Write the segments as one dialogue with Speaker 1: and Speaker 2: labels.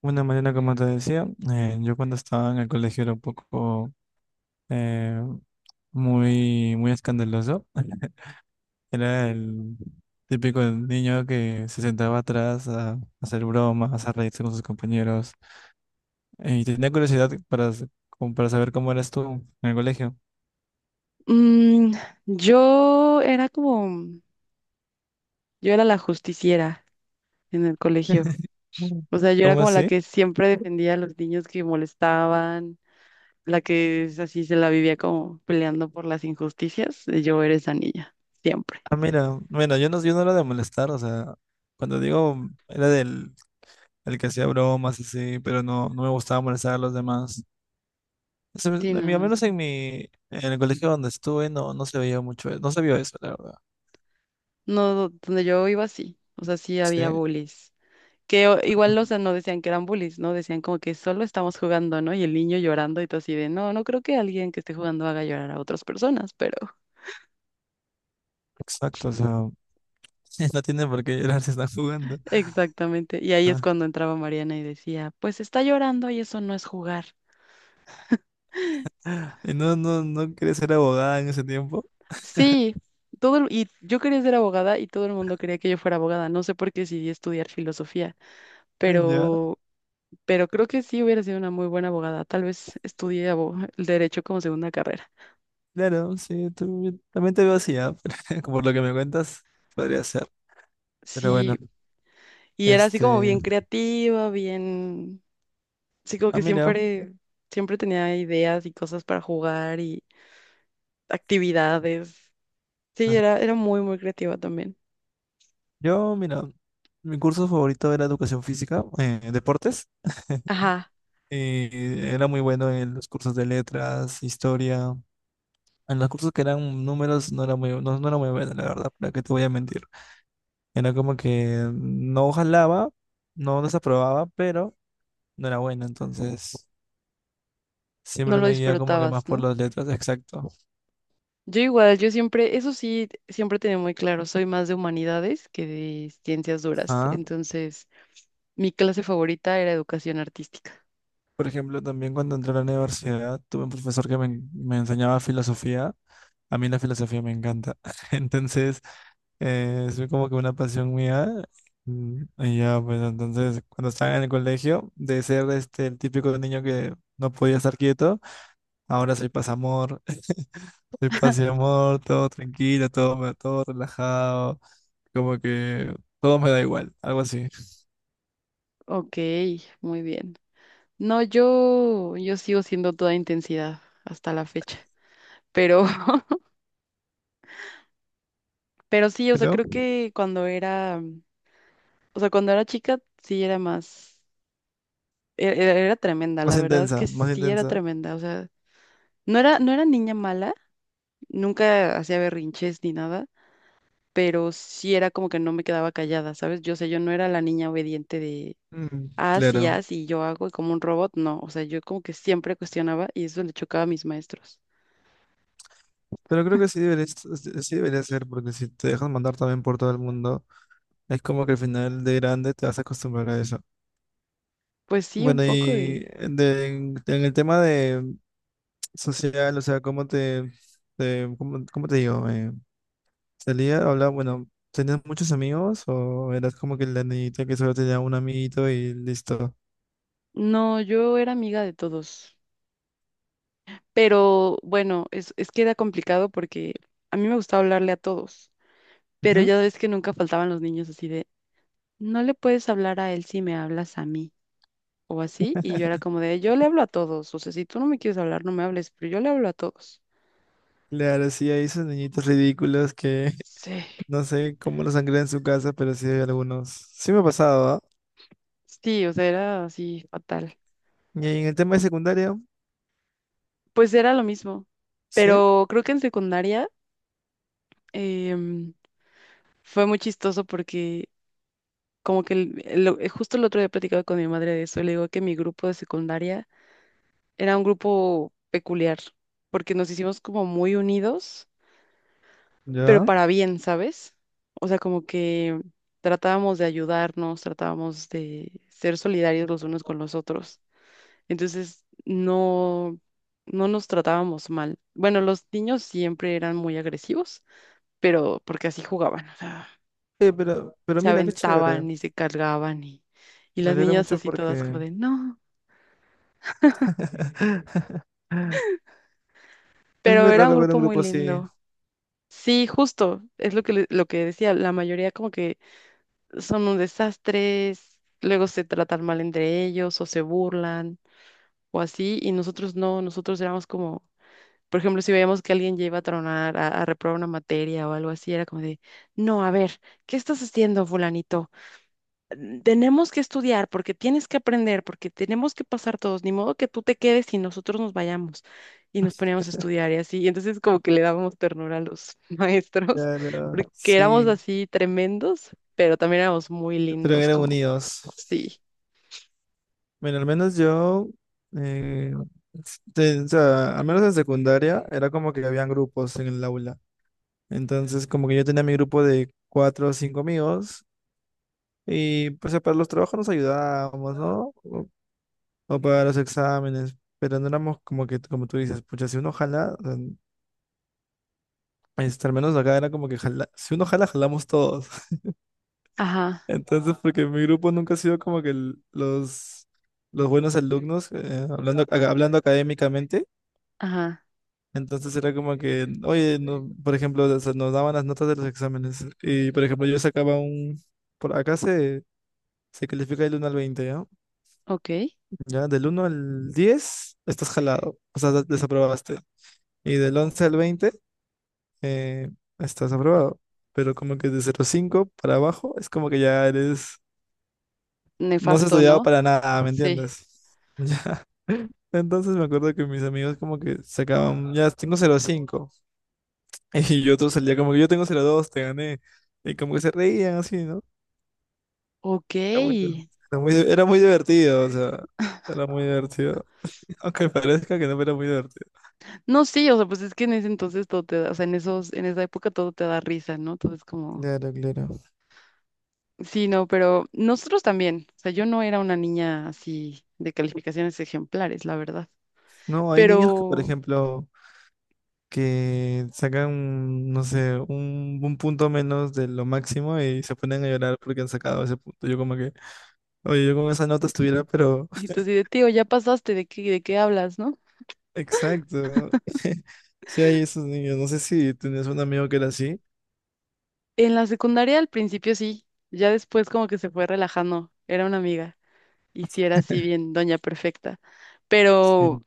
Speaker 1: Bueno, Mariana, como te decía, yo cuando estaba en el colegio era un poco eh, muy, muy escandaloso. Era el típico niño que se sentaba atrás a hacer bromas, a reírse con sus compañeros. Y tenía curiosidad como para saber cómo eras tú en el colegio.
Speaker 2: Mm, yo era como, yo era la justiciera en el colegio.
Speaker 1: Mm.
Speaker 2: O sea, yo era
Speaker 1: ¿Cómo
Speaker 2: como la
Speaker 1: así?
Speaker 2: que siempre defendía a los niños que molestaban, la que es así se la vivía como peleando por las injusticias. Yo era esa niña, siempre.
Speaker 1: Ah, mira, bueno, yo no era de molestar, o sea, cuando digo era del el que hacía bromas así, pero no me gustaba molestar a los demás. Se
Speaker 2: Sí,
Speaker 1: me- a mí- Al
Speaker 2: no,
Speaker 1: menos
Speaker 2: sí.
Speaker 1: en el colegio donde estuve no se veía mucho, no se vio eso, la verdad.
Speaker 2: No, donde yo iba sí. O sea, sí había
Speaker 1: Sí,
Speaker 2: bullies. Que o-
Speaker 1: ah,
Speaker 2: igual, o sea, no decían que eran bullies, ¿no? Decían como que solo estamos jugando, ¿no? Y el niño llorando y todo así de, no, no creo que alguien que esté jugando haga llorar a otras personas.
Speaker 1: exacto, o sea, no tienen por qué llorar si están jugando.
Speaker 2: Exactamente. Y ahí es
Speaker 1: Ah,
Speaker 2: cuando entraba Mariana y decía, pues está llorando y eso no es jugar.
Speaker 1: Y no quieres ser abogada en ese tiempo?
Speaker 2: Sí, todo el- y yo quería ser abogada y todo el mundo quería que yo fuera abogada. No sé por qué decidí estudiar filosofía,
Speaker 1: Ah, ya,
Speaker 2: pero, pero creo que sí hubiera sido una muy buena abogada. Tal vez estudié abo- el derecho como segunda carrera.
Speaker 1: claro, sí, yo también te veo así, ah, pero por lo que me cuentas, podría ser. Pero bueno,
Speaker 2: Sí, y era así como
Speaker 1: este,
Speaker 2: bien creativa, bien, sí, como
Speaker 1: ah,
Speaker 2: que
Speaker 1: mira,
Speaker 2: siempre, siempre tenía ideas y cosas para jugar y actividades. Sí,
Speaker 1: ajá.
Speaker 2: era, era muy creativa también.
Speaker 1: Yo, mira, mi curso favorito era educación física, deportes.
Speaker 2: Ajá.
Speaker 1: Y era muy bueno en los cursos de letras, historia. En los cursos que eran números no era muy buena, la verdad, para qué te voy a mentir. Era como que no jalaba, no desaprobaba, pero no era buena, entonces
Speaker 2: No
Speaker 1: siempre
Speaker 2: lo
Speaker 1: me guía como que más
Speaker 2: disfrutabas,
Speaker 1: por
Speaker 2: ¿no?
Speaker 1: las letras, exacto.
Speaker 2: Yo igual, yo siempre, eso sí, siempre tenía muy claro, soy más de humanidades que de ciencias duras.
Speaker 1: Ah,
Speaker 2: Entonces, mi clase favorita era educación artística.
Speaker 1: por ejemplo, también cuando entré a la universidad, tuve un profesor que me enseñaba filosofía. A mí la filosofía me encanta. Entonces, es como que una pasión mía. Y ya, pues entonces, cuando estaba en el colegio, de ser este, el típico niño que no podía estar quieto, ahora soy pasamor, soy paz y amor, todo tranquilo, todo relajado, como que todo me da igual, algo así.
Speaker 2: Ok, muy bien. No, yo sigo siendo toda intensidad hasta la fecha. Pero, pero sí, o sea,
Speaker 1: Pero
Speaker 2: creo que o sea, cuando era chica, sí era más, e- era, era tremenda, la
Speaker 1: más
Speaker 2: verdad es que
Speaker 1: intensa, más
Speaker 2: sí era
Speaker 1: intensa.
Speaker 2: tremenda. O sea, no era niña mala, nunca hacía berrinches ni nada pero sí era como que no me quedaba callada, ¿sabes? Yo sé, yo no era la niña obediente de,
Speaker 1: Mm,
Speaker 2: haz y
Speaker 1: claro.
Speaker 2: haz y yo hago y como un robot, no, o sea, yo como que siempre cuestionaba y eso le chocaba a mis maestros.
Speaker 1: Pero creo que sí debería ser, porque si te dejan mandar también por todo el mundo, es como que al final de grande te vas a acostumbrar a eso.
Speaker 2: Pues sí, un
Speaker 1: Bueno,
Speaker 2: poco de...
Speaker 1: y en el tema de social, o sea, ¿cómo te, cómo te digo? ¿Salía, hablaba, bueno, tenías muchos amigos o eras como que la niñita que solo tenía un amiguito y listo?
Speaker 2: No, yo era amiga de todos, pero bueno, es que era complicado porque a mí me gustaba hablarle a todos, pero
Speaker 1: Ujú.
Speaker 2: ya ves que nunca faltaban los niños así de, no le puedes hablar a él si me hablas a mí. O así, y yo era como de, yo le hablo a todos, o sea, si tú no me quieres hablar, no me hables, pero yo le hablo a todos.
Speaker 1: Claro, sí, hay esos niñitos ridículos que
Speaker 2: Sí.
Speaker 1: no sé cómo los sangran en su casa, pero sí hay algunos. Sí me ha pasado, ¿ah?
Speaker 2: Sí, o sea, era así fatal.
Speaker 1: Y en el tema de secundaria,
Speaker 2: Pues era lo mismo,
Speaker 1: sí,
Speaker 2: pero creo que en secundaria em, fue muy chistoso porque como que el- lo- justo el otro día platicaba con mi madre de eso, le digo que mi grupo de secundaria era un grupo peculiar porque nos hicimos como muy unidos, pero
Speaker 1: ya.
Speaker 2: para bien, ¿sabes? O sea, como que tratábamos de ayudarnos, tratábamos de ser solidarios los unos con los otros. Entonces, no, no nos tratábamos mal. Bueno, los niños siempre eran muy agresivos, pero porque así jugaban, o sea,
Speaker 1: Pero
Speaker 2: se
Speaker 1: mira, qué chévere.
Speaker 2: aventaban y se cargaban y
Speaker 1: Me
Speaker 2: las
Speaker 1: alegra
Speaker 2: niñas
Speaker 1: mucho
Speaker 2: así todas como
Speaker 1: porque
Speaker 2: de, no,
Speaker 1: es
Speaker 2: pero
Speaker 1: muy
Speaker 2: era un
Speaker 1: raro ver
Speaker 2: grupo
Speaker 1: un
Speaker 2: muy
Speaker 1: grupo así.
Speaker 2: lindo. Sí, justo, es lo que, le- lo que decía, la mayoría como que son un desastre, luego se tratan mal entre ellos o se burlan o así, y nosotros no, nosotros éramos como Por ejemplo, si veíamos que alguien ya iba a tronar, a reprobar una materia o algo así, era como de, no, a ver, ¿qué estás haciendo, fulanito? Mm, tenemos que estudiar porque tienes que aprender, porque tenemos que pasar todos, ni modo que tú te quedes y nosotros nos vayamos y nos poníamos a estudiar y así. Y entonces como que le dábamos ternura a los maestros,
Speaker 1: Claro,
Speaker 2: porque éramos
Speaker 1: sí,
Speaker 2: así tremendos, pero también éramos muy
Speaker 1: pero
Speaker 2: lindos,
Speaker 1: eran
Speaker 2: como,
Speaker 1: unidos.
Speaker 2: sí,
Speaker 1: Bueno, al menos yo, eh, o sea, al menos en secundaria, era como que habían grupos en el aula. Entonces, como que yo tenía mi grupo de cuatro o cinco amigos, y pues para los trabajos nos ayudábamos, ¿no? O para los exámenes, pero no éramos como que, como tú dices, pucha, si uno jala, o sea, este, al menos acá era como que si uno jala, jalamos todos.
Speaker 2: ajá,
Speaker 1: Entonces, porque mi grupo nunca ha sido como que los buenos alumnos, hablando, hablando académicamente.
Speaker 2: ajá,
Speaker 1: Entonces era como que, oye, por ejemplo, o sea, nos daban las notas de los exámenes. Y, por ejemplo, yo sacaba un. Por acá se califica del 1 al 20, ¿ya?
Speaker 2: ok,
Speaker 1: Ya, del 1 al 10 estás jalado, o sea, desaprobaste. Y del 11 al 20 eh, estás aprobado. Pero como que de cero cinco para abajo es como que ya eres, no has
Speaker 2: nefasto,
Speaker 1: estudiado
Speaker 2: ¿no?
Speaker 1: para nada, ¿me
Speaker 2: Sí,
Speaker 1: entiendes? Ya. Entonces me acuerdo que mis amigos como que sacaban, ya tengo cero cinco. Y yo otro salía como que yo tengo cero dos, te gané. Y como que se reían así, ¿no?
Speaker 2: ok.
Speaker 1: Era muy, era muy divertido, o sea, era muy divertido. Aunque parezca que no, pero era muy divertido.
Speaker 2: No, sí, o sea, pues es que en ese entonces todo te da, o sea, en esa época todo te da risa, ¿no? Todo es como,
Speaker 1: Claro, claro.
Speaker 2: sí, no, pero nosotros también, o sea, yo no era una niña así de calificaciones ejemplares, la verdad,
Speaker 1: No, hay niños que, por
Speaker 2: pero,
Speaker 1: ejemplo, que sacan, no sé, un punto menos de lo máximo y se ponen a llorar porque han sacado ese punto. Yo como que, oye, yo con esa nota estuviera, pero
Speaker 2: y tú así de, tío, ya pasaste, de qué hablas, no?
Speaker 1: exacto. Sí, hay esos niños. No sé si tenías un amigo que era así.
Speaker 2: En la secundaria al principio sí, ya después como que se fue relajando, era una amiga, y sí era así bien, doña perfecta, pero,
Speaker 1: Sí,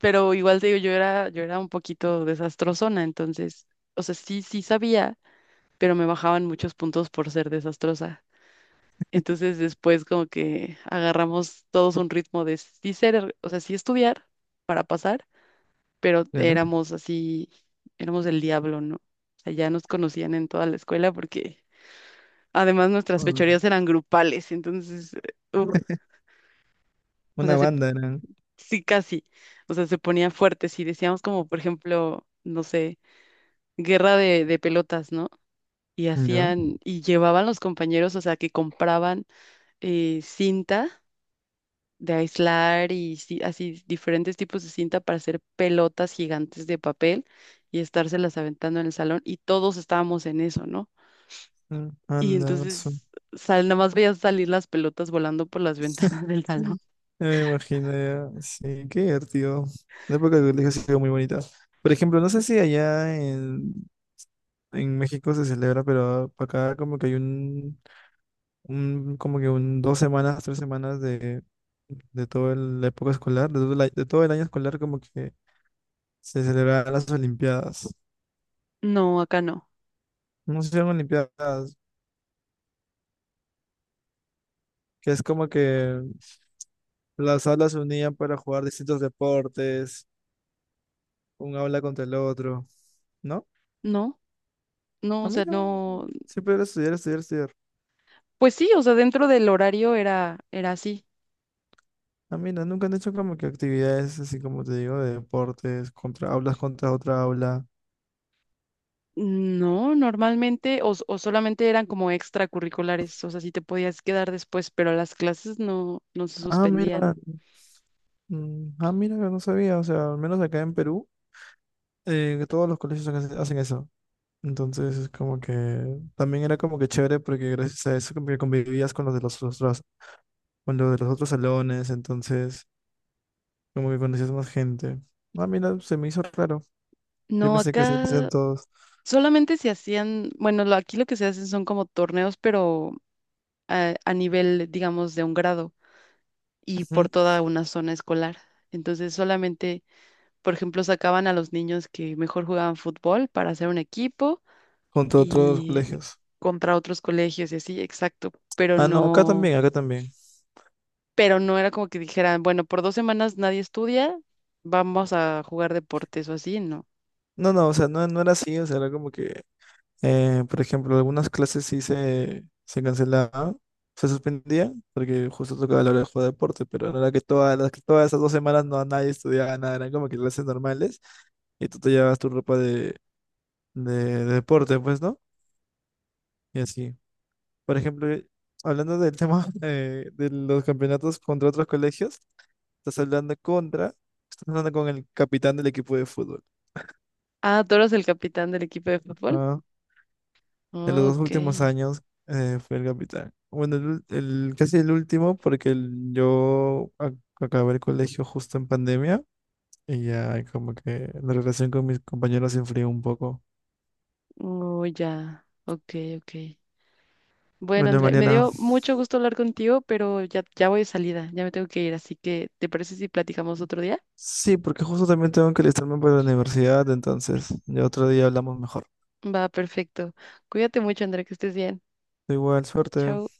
Speaker 2: pero igual te digo, yo era un poquito desastrosona, entonces, o sea, sí, sí sabía pero me bajaban muchos puntos por ser desastrosa. Entonces después como que agarramos todos un ritmo de sí ser, o sea, sí estudiar para pasar, pero
Speaker 1: ya no.
Speaker 2: éramos así, éramos el diablo, ¿no? O sea, ya nos conocían en toda la escuela porque además nuestras
Speaker 1: Mm.
Speaker 2: fechorías eran grupales, entonces, uf, o
Speaker 1: Una
Speaker 2: sea, se-
Speaker 1: banda eran.
Speaker 2: sí casi, o sea, se ponía fuerte, si decíamos como, por ejemplo, no sé, guerra de pelotas, ¿no? Y
Speaker 1: ¿Yo?
Speaker 2: hacían, y llevaban los compañeros, o sea, que compraban cinta de aislar y ci- así diferentes tipos de cinta para hacer pelotas gigantes de papel y estárselas aventando en el salón y todos estábamos en eso, ¿no? Y
Speaker 1: Anda, eso.
Speaker 2: entonces sal, nada más veías salir las pelotas volando por las ventanas del salón.
Speaker 1: Sí. Ya me imagino, ya. Sí, qué divertido. La época del colegio ha sido muy bonita. Por ejemplo, no sé si allá en México se celebra, pero acá como que hay un como que un 2 semanas, 3 semanas de, toda la época escolar, de todo el año escolar como que se celebran las Olimpiadas.
Speaker 2: No, acá no.
Speaker 1: No se llaman Olimpiadas, que es como que las aulas se unían para jugar distintos deportes, un aula contra el otro, ¿no?
Speaker 2: No, no,
Speaker 1: A
Speaker 2: o
Speaker 1: mí
Speaker 2: sea,
Speaker 1: no,
Speaker 2: no,
Speaker 1: siempre era estudiar, estudiar, estudiar.
Speaker 2: pues sí, o sea, dentro del horario era, era así.
Speaker 1: A mí no, nunca han hecho como que actividades así, como te digo, de deportes, contra aulas, contra otra aula.
Speaker 2: No, normalmente, o, s- o solamente eran como extracurriculares, o sea, sí te podías quedar después, pero las clases no, no se
Speaker 1: Ah,
Speaker 2: suspendían.
Speaker 1: mira. Ah, mira, yo no sabía, o sea, al menos acá en Perú, que todos los colegios hacen eso. Entonces es como que también era como que chévere, porque gracias a eso como que convivías con los de los otros salones, entonces como que conocías más gente. Ah, mira, se me hizo raro. Yo
Speaker 2: No,
Speaker 1: pensé que se
Speaker 2: acá
Speaker 1: hacían todos,
Speaker 2: solamente se hacían, bueno, lo- aquí lo que se hacen son como torneos, pero a nivel, digamos, de un grado y
Speaker 1: ujú,
Speaker 2: por toda una zona escolar. Entonces solamente, por ejemplo, sacaban a los niños que mejor jugaban fútbol para hacer un equipo
Speaker 1: junto a otros
Speaker 2: y
Speaker 1: colegios.
Speaker 2: contra otros colegios y así, exacto,
Speaker 1: Ah, no, acá también, acá también.
Speaker 2: pero no era como que dijeran, bueno, por 2 semanas nadie estudia, vamos a jugar deportes o así, no.
Speaker 1: No, no, o sea, no era así, o sea, era como que, por ejemplo, algunas clases sí se cancelaban, se suspendían, porque justo tocaba la hora de jugar deporte, pero no era que todas las que todas esas 2 semanas no nadie estudiaba nada, eran como que clases normales, y tú te llevabas tu ropa de, de deporte, pues, ¿no? Y así. Por ejemplo, hablando del tema de los campeonatos contra otros colegios, estás hablando contra, estás hablando con el capitán del equipo de fútbol.
Speaker 2: Ah, tú eras el capitán del equipo de fútbol.
Speaker 1: ¿Ah? En los
Speaker 2: Oh,
Speaker 1: dos últimos
Speaker 2: ok.
Speaker 1: años fui el capitán. Bueno, casi el último, porque yo acabé el colegio justo en pandemia y ya como que la relación con mis compañeros se enfrió un poco.
Speaker 2: Oh, ya. Ok, ok. Bueno,
Speaker 1: Bueno,
Speaker 2: Andrea, me
Speaker 1: Mariana,
Speaker 2: dio mucho gusto hablar contigo, pero ya, ya voy de salida, ya me tengo que ir, así que ¿te parece si platicamos otro día?
Speaker 1: sí, porque justo también tengo que alistarme para la universidad, entonces ya otro día hablamos mejor.
Speaker 2: Va, perfecto. Cuídate mucho, Andrea, que estés bien.
Speaker 1: Igual, suerte.
Speaker 2: Chao.